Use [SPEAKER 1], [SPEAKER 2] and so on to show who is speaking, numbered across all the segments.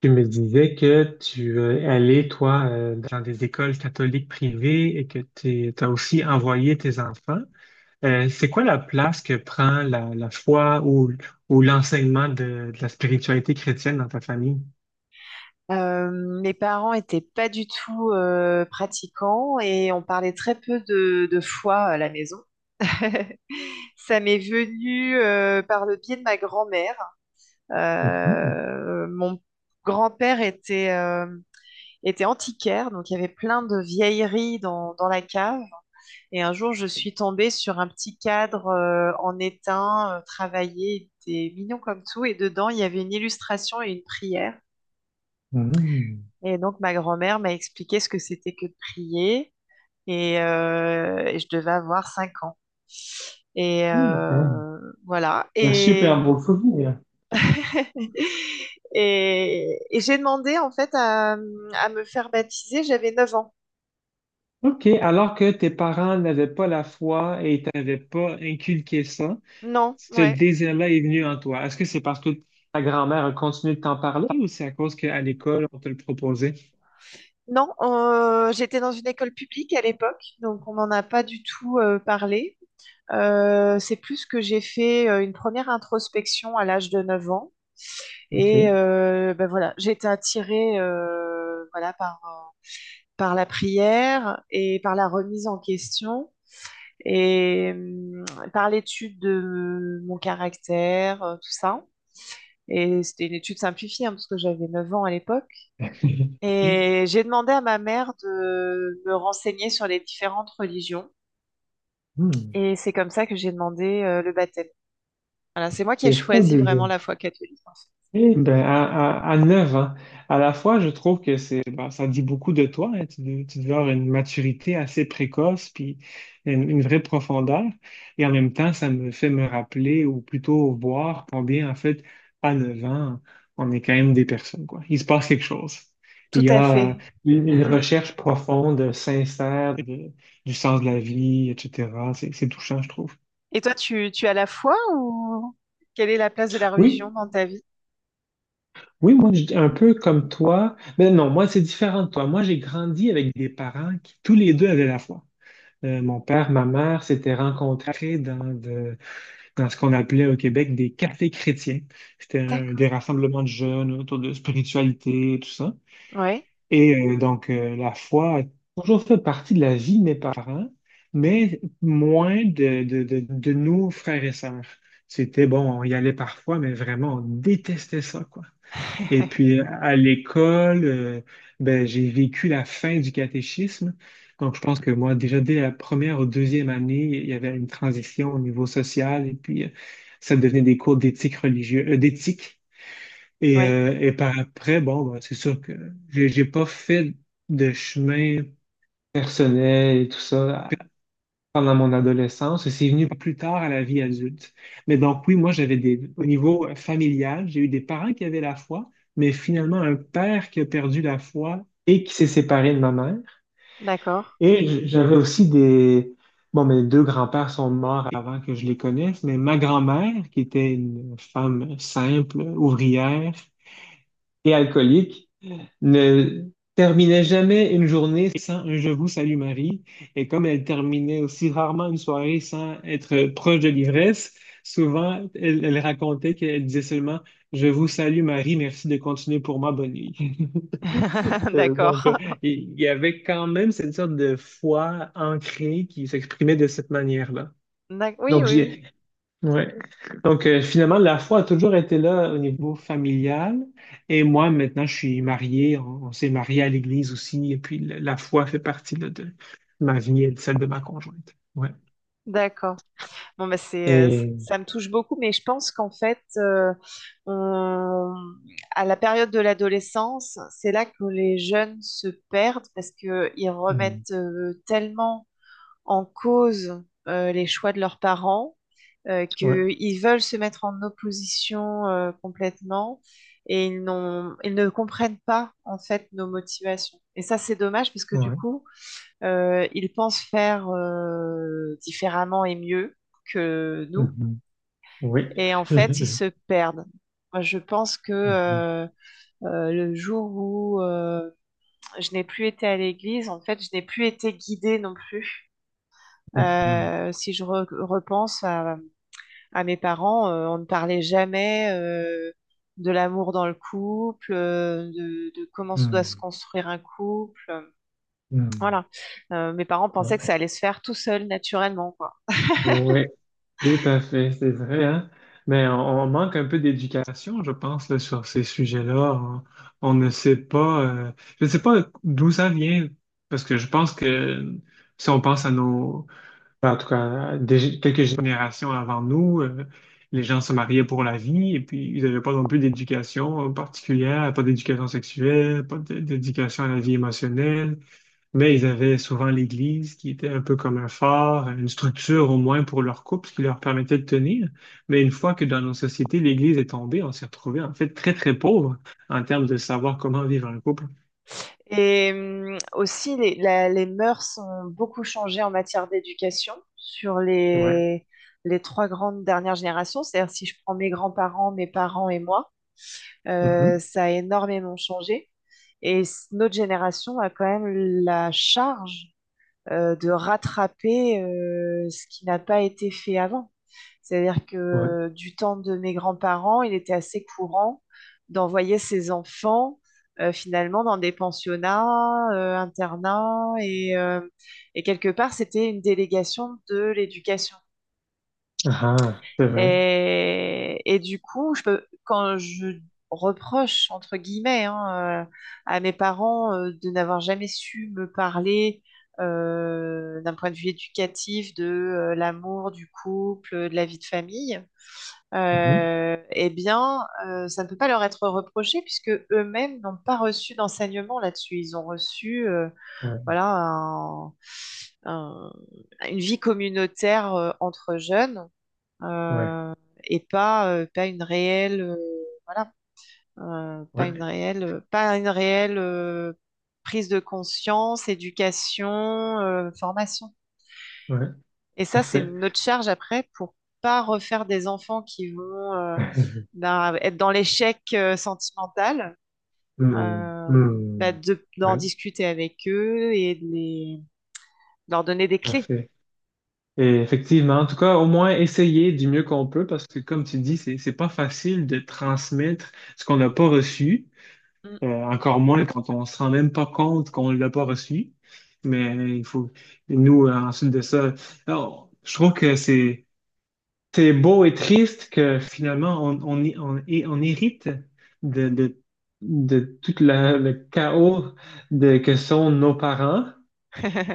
[SPEAKER 1] Tu me disais que tu es allé, toi, dans des écoles catholiques privées et que tu as aussi envoyé tes enfants. C'est quoi la place que prend la foi ou l'enseignement de la spiritualité chrétienne dans ta famille?
[SPEAKER 2] Mes parents étaient pas du tout pratiquants et on parlait très peu de foi à la maison. Ça m'est venu par le biais de ma grand-mère.
[SPEAKER 1] Mhm,
[SPEAKER 2] Mon grand-père était antiquaire, donc il y avait plein de vieilleries dans la cave. Et un jour, je suis tombée sur un petit cadre en étain, travaillé, il était mignon comme tout, et dedans, il y avait une illustration et une prière.
[SPEAKER 1] mhm.
[SPEAKER 2] Et donc, ma grand-mère m'a expliqué ce que c'était que de prier et je devais avoir 5 ans. Et
[SPEAKER 1] Oui, C'est un
[SPEAKER 2] euh, voilà.
[SPEAKER 1] c'est un super beau souvenir.
[SPEAKER 2] Et j'ai demandé en fait à me faire baptiser. J'avais 9 ans.
[SPEAKER 1] OK, alors que tes parents n'avaient pas la foi et t'avaient pas inculqué ça,
[SPEAKER 2] Non,
[SPEAKER 1] ce
[SPEAKER 2] ouais.
[SPEAKER 1] désir-là est venu en toi? Est-ce que c'est parce que ta grand-mère a continué de t'en parler ou c'est à cause qu'à l'école, on te le proposait?
[SPEAKER 2] Non, j'étais dans une école publique à l'époque, donc on n'en a pas du tout parlé. C'est plus que j'ai fait une première introspection à l'âge de 9 ans.
[SPEAKER 1] OK.
[SPEAKER 2] Ben voilà, j'ai été attirée voilà, par la prière et par la remise en question et euh, par l'étude de mon caractère, tout ça. Et c'était une étude simplifiée, hein, parce que j'avais 9 ans à l'époque. Et j'ai demandé à ma mère de me renseigner sur les différentes religions.
[SPEAKER 1] Hmm.
[SPEAKER 2] Et c'est comme ça que j'ai demandé le baptême. Voilà, c'est moi qui ai
[SPEAKER 1] C'est
[SPEAKER 2] choisi vraiment
[SPEAKER 1] fabuleux.
[SPEAKER 2] la foi catholique, en fait.
[SPEAKER 1] Eh ben, à 9 ans, à la fois, je trouve que c'est, ben, ça dit beaucoup de toi, hein. Tu dois avoir une maturité assez précoce, puis une vraie profondeur. Et en même temps, ça me fait me rappeler, ou plutôt voir combien, en fait, à 9 ans, on est quand même des personnes, quoi. Il se passe quelque chose. Il
[SPEAKER 2] Tout
[SPEAKER 1] y
[SPEAKER 2] à
[SPEAKER 1] a
[SPEAKER 2] fait.
[SPEAKER 1] une recherche profonde, sincère, du sens de la vie, etc. C'est touchant, je trouve.
[SPEAKER 2] Et toi, tu as la foi ou quelle est la place de la religion
[SPEAKER 1] Oui,
[SPEAKER 2] dans ta vie?
[SPEAKER 1] oui, moi, un peu comme toi. Mais non, moi, c'est différent de toi. Moi, j'ai grandi avec des parents qui, tous les deux, avaient la foi. Mon père, ma mère s'étaient rencontrés dans ce qu'on appelait au Québec des cafés chrétiens. C'était
[SPEAKER 2] D'accord.
[SPEAKER 1] des rassemblements de jeunes autour de spiritualité, tout ça.
[SPEAKER 2] Oui.
[SPEAKER 1] Et donc, la foi a toujours fait partie de la vie de mes parents, mais moins de nos frères et sœurs. C'était, bon, on y allait parfois, mais vraiment, on détestait ça, quoi. Et puis à l'école, ben, j'ai vécu la fin du catéchisme. Donc je pense que moi, déjà dès la première ou deuxième année, il y avait une transition au niveau social et puis ça devenait des cours d'éthique religieuse, d'éthique. Et,
[SPEAKER 2] Oui.
[SPEAKER 1] euh, et par après, bon, ben, c'est sûr que j'ai pas fait de chemin personnel et tout ça pendant mon adolescence et c'est venu plus tard à la vie adulte. Mais donc oui, moi j'avais des au niveau familial, j'ai eu des parents qui avaient la foi, mais finalement un père qui a perdu la foi et qui s'est séparé de ma mère.
[SPEAKER 2] D'accord.
[SPEAKER 1] Et j'avais aussi des bon, mes deux grands-pères sont morts avant que je les connaisse, mais ma grand-mère qui était une femme simple, ouvrière et alcoolique ne terminait jamais une journée sans un Je vous salue Marie. Et comme elle terminait aussi rarement une soirée sans être proche de l'ivresse, souvent elle racontait qu'elle disait seulement Je vous salue Marie, merci de continuer pour moi, bonne nuit. Donc,
[SPEAKER 2] D'accord.
[SPEAKER 1] il y avait quand même cette sorte de foi ancrée qui s'exprimait de cette manière-là.
[SPEAKER 2] Oui,
[SPEAKER 1] Donc,
[SPEAKER 2] oui, oui.
[SPEAKER 1] ouais. Donc, finalement, la foi a toujours été là au niveau familial. Et moi, maintenant, je suis marié. On s'est marié à l'église aussi. Et puis, la foi fait partie là, de ma vie et de celle de ma conjointe. Ouais.
[SPEAKER 2] D'accord. Bon, bah,
[SPEAKER 1] Et.
[SPEAKER 2] ça me touche beaucoup, mais je pense qu'en fait, on- à la période de l'adolescence, c'est là que les jeunes se perdent parce qu'ils
[SPEAKER 1] Mm.
[SPEAKER 2] remettent tellement en cause les choix de leurs parents,
[SPEAKER 1] Ouais.
[SPEAKER 2] qu'ils veulent se mettre en opposition complètement et ils ne comprennent pas en fait nos motivations. Et ça, c'est dommage parce que du
[SPEAKER 1] Ouais.
[SPEAKER 2] coup, ils pensent faire différemment et mieux que nous
[SPEAKER 1] Mhm. Oui.
[SPEAKER 2] et en fait, ils se perdent. Moi, je pense que
[SPEAKER 1] Mhm,
[SPEAKER 2] le jour où je n'ai plus été à l'église, en fait, je n'ai plus été guidée non plus
[SPEAKER 1] mhm,
[SPEAKER 2] si je repense à mes parents, on ne parlait jamais de l'amour dans le couple, de comment se doit se
[SPEAKER 1] mhm,
[SPEAKER 2] construire un couple.
[SPEAKER 1] mhm.
[SPEAKER 2] Voilà. Mes parents pensaient
[SPEAKER 1] Ouais.
[SPEAKER 2] que ça allait se faire tout seul, naturellement, quoi.
[SPEAKER 1] Ouais. Tout à fait, c'est vrai, hein? Mais on manque un peu d'éducation, je pense, là, sur ces sujets-là. On ne sait pas, je ne sais pas d'où ça vient, parce que je pense que si on pense à enfin, en tout cas, quelques générations avant nous, les gens se mariaient pour la vie et puis ils n'avaient pas non plus d'éducation particulière, pas d'éducation sexuelle, pas d- d'éducation à la vie émotionnelle, mais ils avaient souvent l'Église qui était un peu comme un phare, une structure au moins pour leur couple, ce qui leur permettait de tenir. Mais une fois que dans nos sociétés, l'Église est tombée, on s'est retrouvé en fait très très pauvre en termes de savoir comment vivre un couple.
[SPEAKER 2] Aussi, les mœurs ont beaucoup changé en matière d'éducation sur
[SPEAKER 1] Ouais.
[SPEAKER 2] les trois grandes dernières générations. C'est-à-dire, si je prends mes grands-parents, mes parents et moi.
[SPEAKER 1] Mhm.
[SPEAKER 2] Ça a énormément changé. Notre génération a quand même la charge de rattraper ce qui n'a pas été fait avant. C'est-à-dire
[SPEAKER 1] Ouais.
[SPEAKER 2] que du temps de mes grands-parents, il était assez courant d'envoyer ses enfants finalement dans des pensionnats, internats, et quelque part, c'était une délégation de l'éducation.
[SPEAKER 1] Ah, c'est vrai.
[SPEAKER 2] Et du coup, je peux, quand je reproche, entre guillemets, hein, à mes parents de n'avoir jamais su me parler d'un point de vue éducatif de l'amour, du couple, de la vie de famille,
[SPEAKER 1] Mhm.
[SPEAKER 2] eh bien, ça ne peut pas leur être reproché puisque eux-mêmes n'ont pas reçu d'enseignement là-dessus. Ils ont reçu,
[SPEAKER 1] Ouais.
[SPEAKER 2] voilà, un- une vie communautaire entre jeunes
[SPEAKER 1] Ouais.
[SPEAKER 2] euh, et pas une réelle, voilà, euh, pas une
[SPEAKER 1] Ouais.
[SPEAKER 2] réelle, euh, pas une réelle euh, prise de conscience, éducation, formation.
[SPEAKER 1] Ouais.
[SPEAKER 2] Et
[SPEAKER 1] Tout
[SPEAKER 2] ça,
[SPEAKER 1] à
[SPEAKER 2] c'est
[SPEAKER 1] fait.
[SPEAKER 2] notre charge après pour pas refaire des enfants qui vont être dans l'échec sentimental.
[SPEAKER 1] Hmm,
[SPEAKER 2] euh,
[SPEAKER 1] hmm.
[SPEAKER 2] D'en
[SPEAKER 1] Ouais,
[SPEAKER 2] discuter avec eux et leur donner des
[SPEAKER 1] tout à
[SPEAKER 2] clés.
[SPEAKER 1] fait. Et effectivement, en tout cas, au moins essayer du mieux qu'on peut parce que, comme tu dis, c'est pas facile de transmettre ce qu'on n'a pas reçu,
[SPEAKER 2] Mm.
[SPEAKER 1] encore moins quand on se rend même pas compte qu'on l'a pas reçu. Mais il faut, nous, ensuite de ça, alors, je trouve que c'est beau et triste que finalement, on hérite de, de, de tout le chaos que sont nos parents.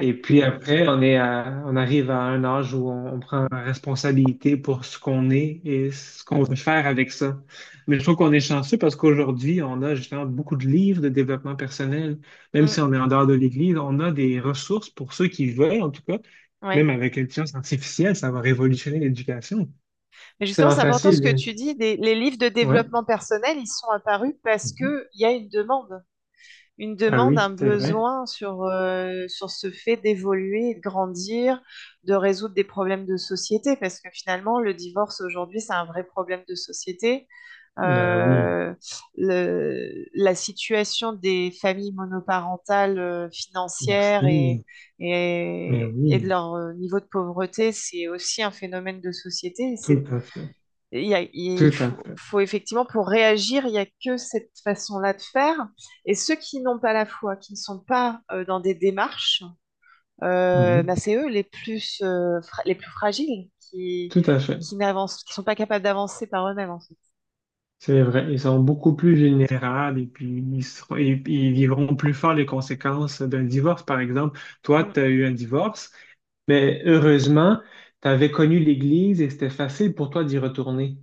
[SPEAKER 1] Et puis après, on arrive à un âge où on prend responsabilité pour ce qu'on est et ce qu'on veut faire avec ça. Mais je trouve qu'on est chanceux parce qu'aujourd'hui, on a justement beaucoup de livres de développement personnel. Même
[SPEAKER 2] Mm.
[SPEAKER 1] si on est en dehors de l'Église, on a des ressources pour ceux qui veulent, en tout cas.
[SPEAKER 2] Ouais.
[SPEAKER 1] Même avec l'intelligence artificielle, ça va révolutionner l'éducation.
[SPEAKER 2] Mais
[SPEAKER 1] C'est
[SPEAKER 2] justement,
[SPEAKER 1] vraiment
[SPEAKER 2] c'est important ce que
[SPEAKER 1] facile.
[SPEAKER 2] tu dis. Les livres de
[SPEAKER 1] Ouais.
[SPEAKER 2] développement personnel, ils sont apparus parce
[SPEAKER 1] Mhm.
[SPEAKER 2] qu'il y a une
[SPEAKER 1] Ah
[SPEAKER 2] demande, un
[SPEAKER 1] oui, c'est vrai.
[SPEAKER 2] besoin sur ce fait d'évoluer, de grandir, de résoudre des problèmes de société. Parce que finalement, le divorce aujourd'hui, c'est un vrai problème de société.
[SPEAKER 1] Ben oui,
[SPEAKER 2] Euh, la situation des familles monoparentales, financières et,
[SPEAKER 1] aussi. Mais
[SPEAKER 2] et, et de
[SPEAKER 1] oui,
[SPEAKER 2] leur niveau de pauvreté, c'est aussi un phénomène de société. Et
[SPEAKER 1] tout
[SPEAKER 2] c'est
[SPEAKER 1] à fait.
[SPEAKER 2] il
[SPEAKER 1] Tout à
[SPEAKER 2] faut,
[SPEAKER 1] fait.
[SPEAKER 2] effectivement, pour réagir, il n'y a que cette façon-là de faire. Et ceux qui n'ont pas la foi, qui ne sont pas dans des démarches, bah,
[SPEAKER 1] Mhm.
[SPEAKER 2] c'est eux les plus, les plus fragiles
[SPEAKER 1] Tout à fait.
[SPEAKER 2] qui n'avancent, qui sont pas capables d'avancer par eux-mêmes, en fait.
[SPEAKER 1] C'est vrai, ils sont beaucoup plus vulnérables et puis ils, seront- et ils vivront plus fort les conséquences d'un divorce. Par exemple, toi,
[SPEAKER 2] Mm.
[SPEAKER 1] tu as eu un divorce, mais heureusement, tu avais connu l'Église et c'était facile pour toi d'y retourner.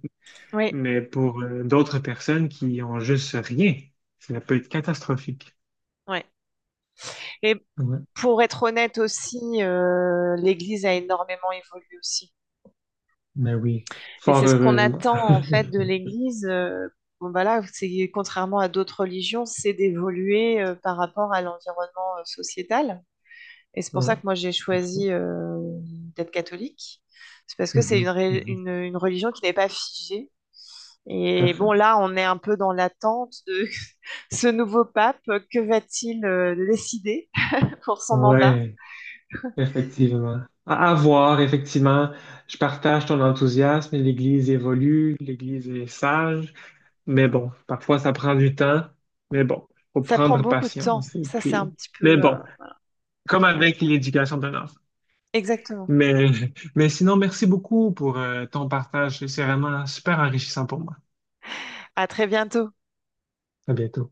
[SPEAKER 2] Oui,
[SPEAKER 1] Mais pour d'autres personnes qui ont juste rien, ça peut être catastrophique.
[SPEAKER 2] oui. Et
[SPEAKER 1] Ouais.
[SPEAKER 2] pour être honnête aussi, l'Église a énormément évolué aussi.
[SPEAKER 1] Mais oui,
[SPEAKER 2] Et
[SPEAKER 1] fort
[SPEAKER 2] c'est ce qu'on
[SPEAKER 1] heureusement.
[SPEAKER 2] attend en fait de l'Église. Bon, voilà, c'est contrairement à d'autres religions, c'est d'évoluer par rapport à l'environnement sociétal. Et c'est pour
[SPEAKER 1] Ouais.
[SPEAKER 2] ça que moi j'ai choisi d'être catholique. C'est parce que c'est une,
[SPEAKER 1] Mhm,
[SPEAKER 2] ré-
[SPEAKER 1] mhm.
[SPEAKER 2] une- une religion qui n'est pas figée.
[SPEAKER 1] Tout à
[SPEAKER 2] Et
[SPEAKER 1] fait.
[SPEAKER 2] bon, là, on est un peu dans l'attente de ce nouveau pape. Que va-t-il décider pour son mandat?
[SPEAKER 1] Ouais. Effectivement. À voir, effectivement, je partage ton enthousiasme. L'Église évolue, l'Église est sage, mais bon, parfois ça prend du temps, mais bon, faut
[SPEAKER 2] Ça prend
[SPEAKER 1] prendre
[SPEAKER 2] beaucoup de temps.
[SPEAKER 1] patience. Et
[SPEAKER 2] Ça, c'est un
[SPEAKER 1] puis,
[SPEAKER 2] petit
[SPEAKER 1] mais
[SPEAKER 2] peu.
[SPEAKER 1] bon, comme
[SPEAKER 2] Ouais.
[SPEAKER 1] avec l'éducation d'un enfant.
[SPEAKER 2] Exactement.
[SPEAKER 1] Mais, mais sinon, merci beaucoup pour ton partage. C'est vraiment super enrichissant pour moi.
[SPEAKER 2] À très bientôt.
[SPEAKER 1] À bientôt.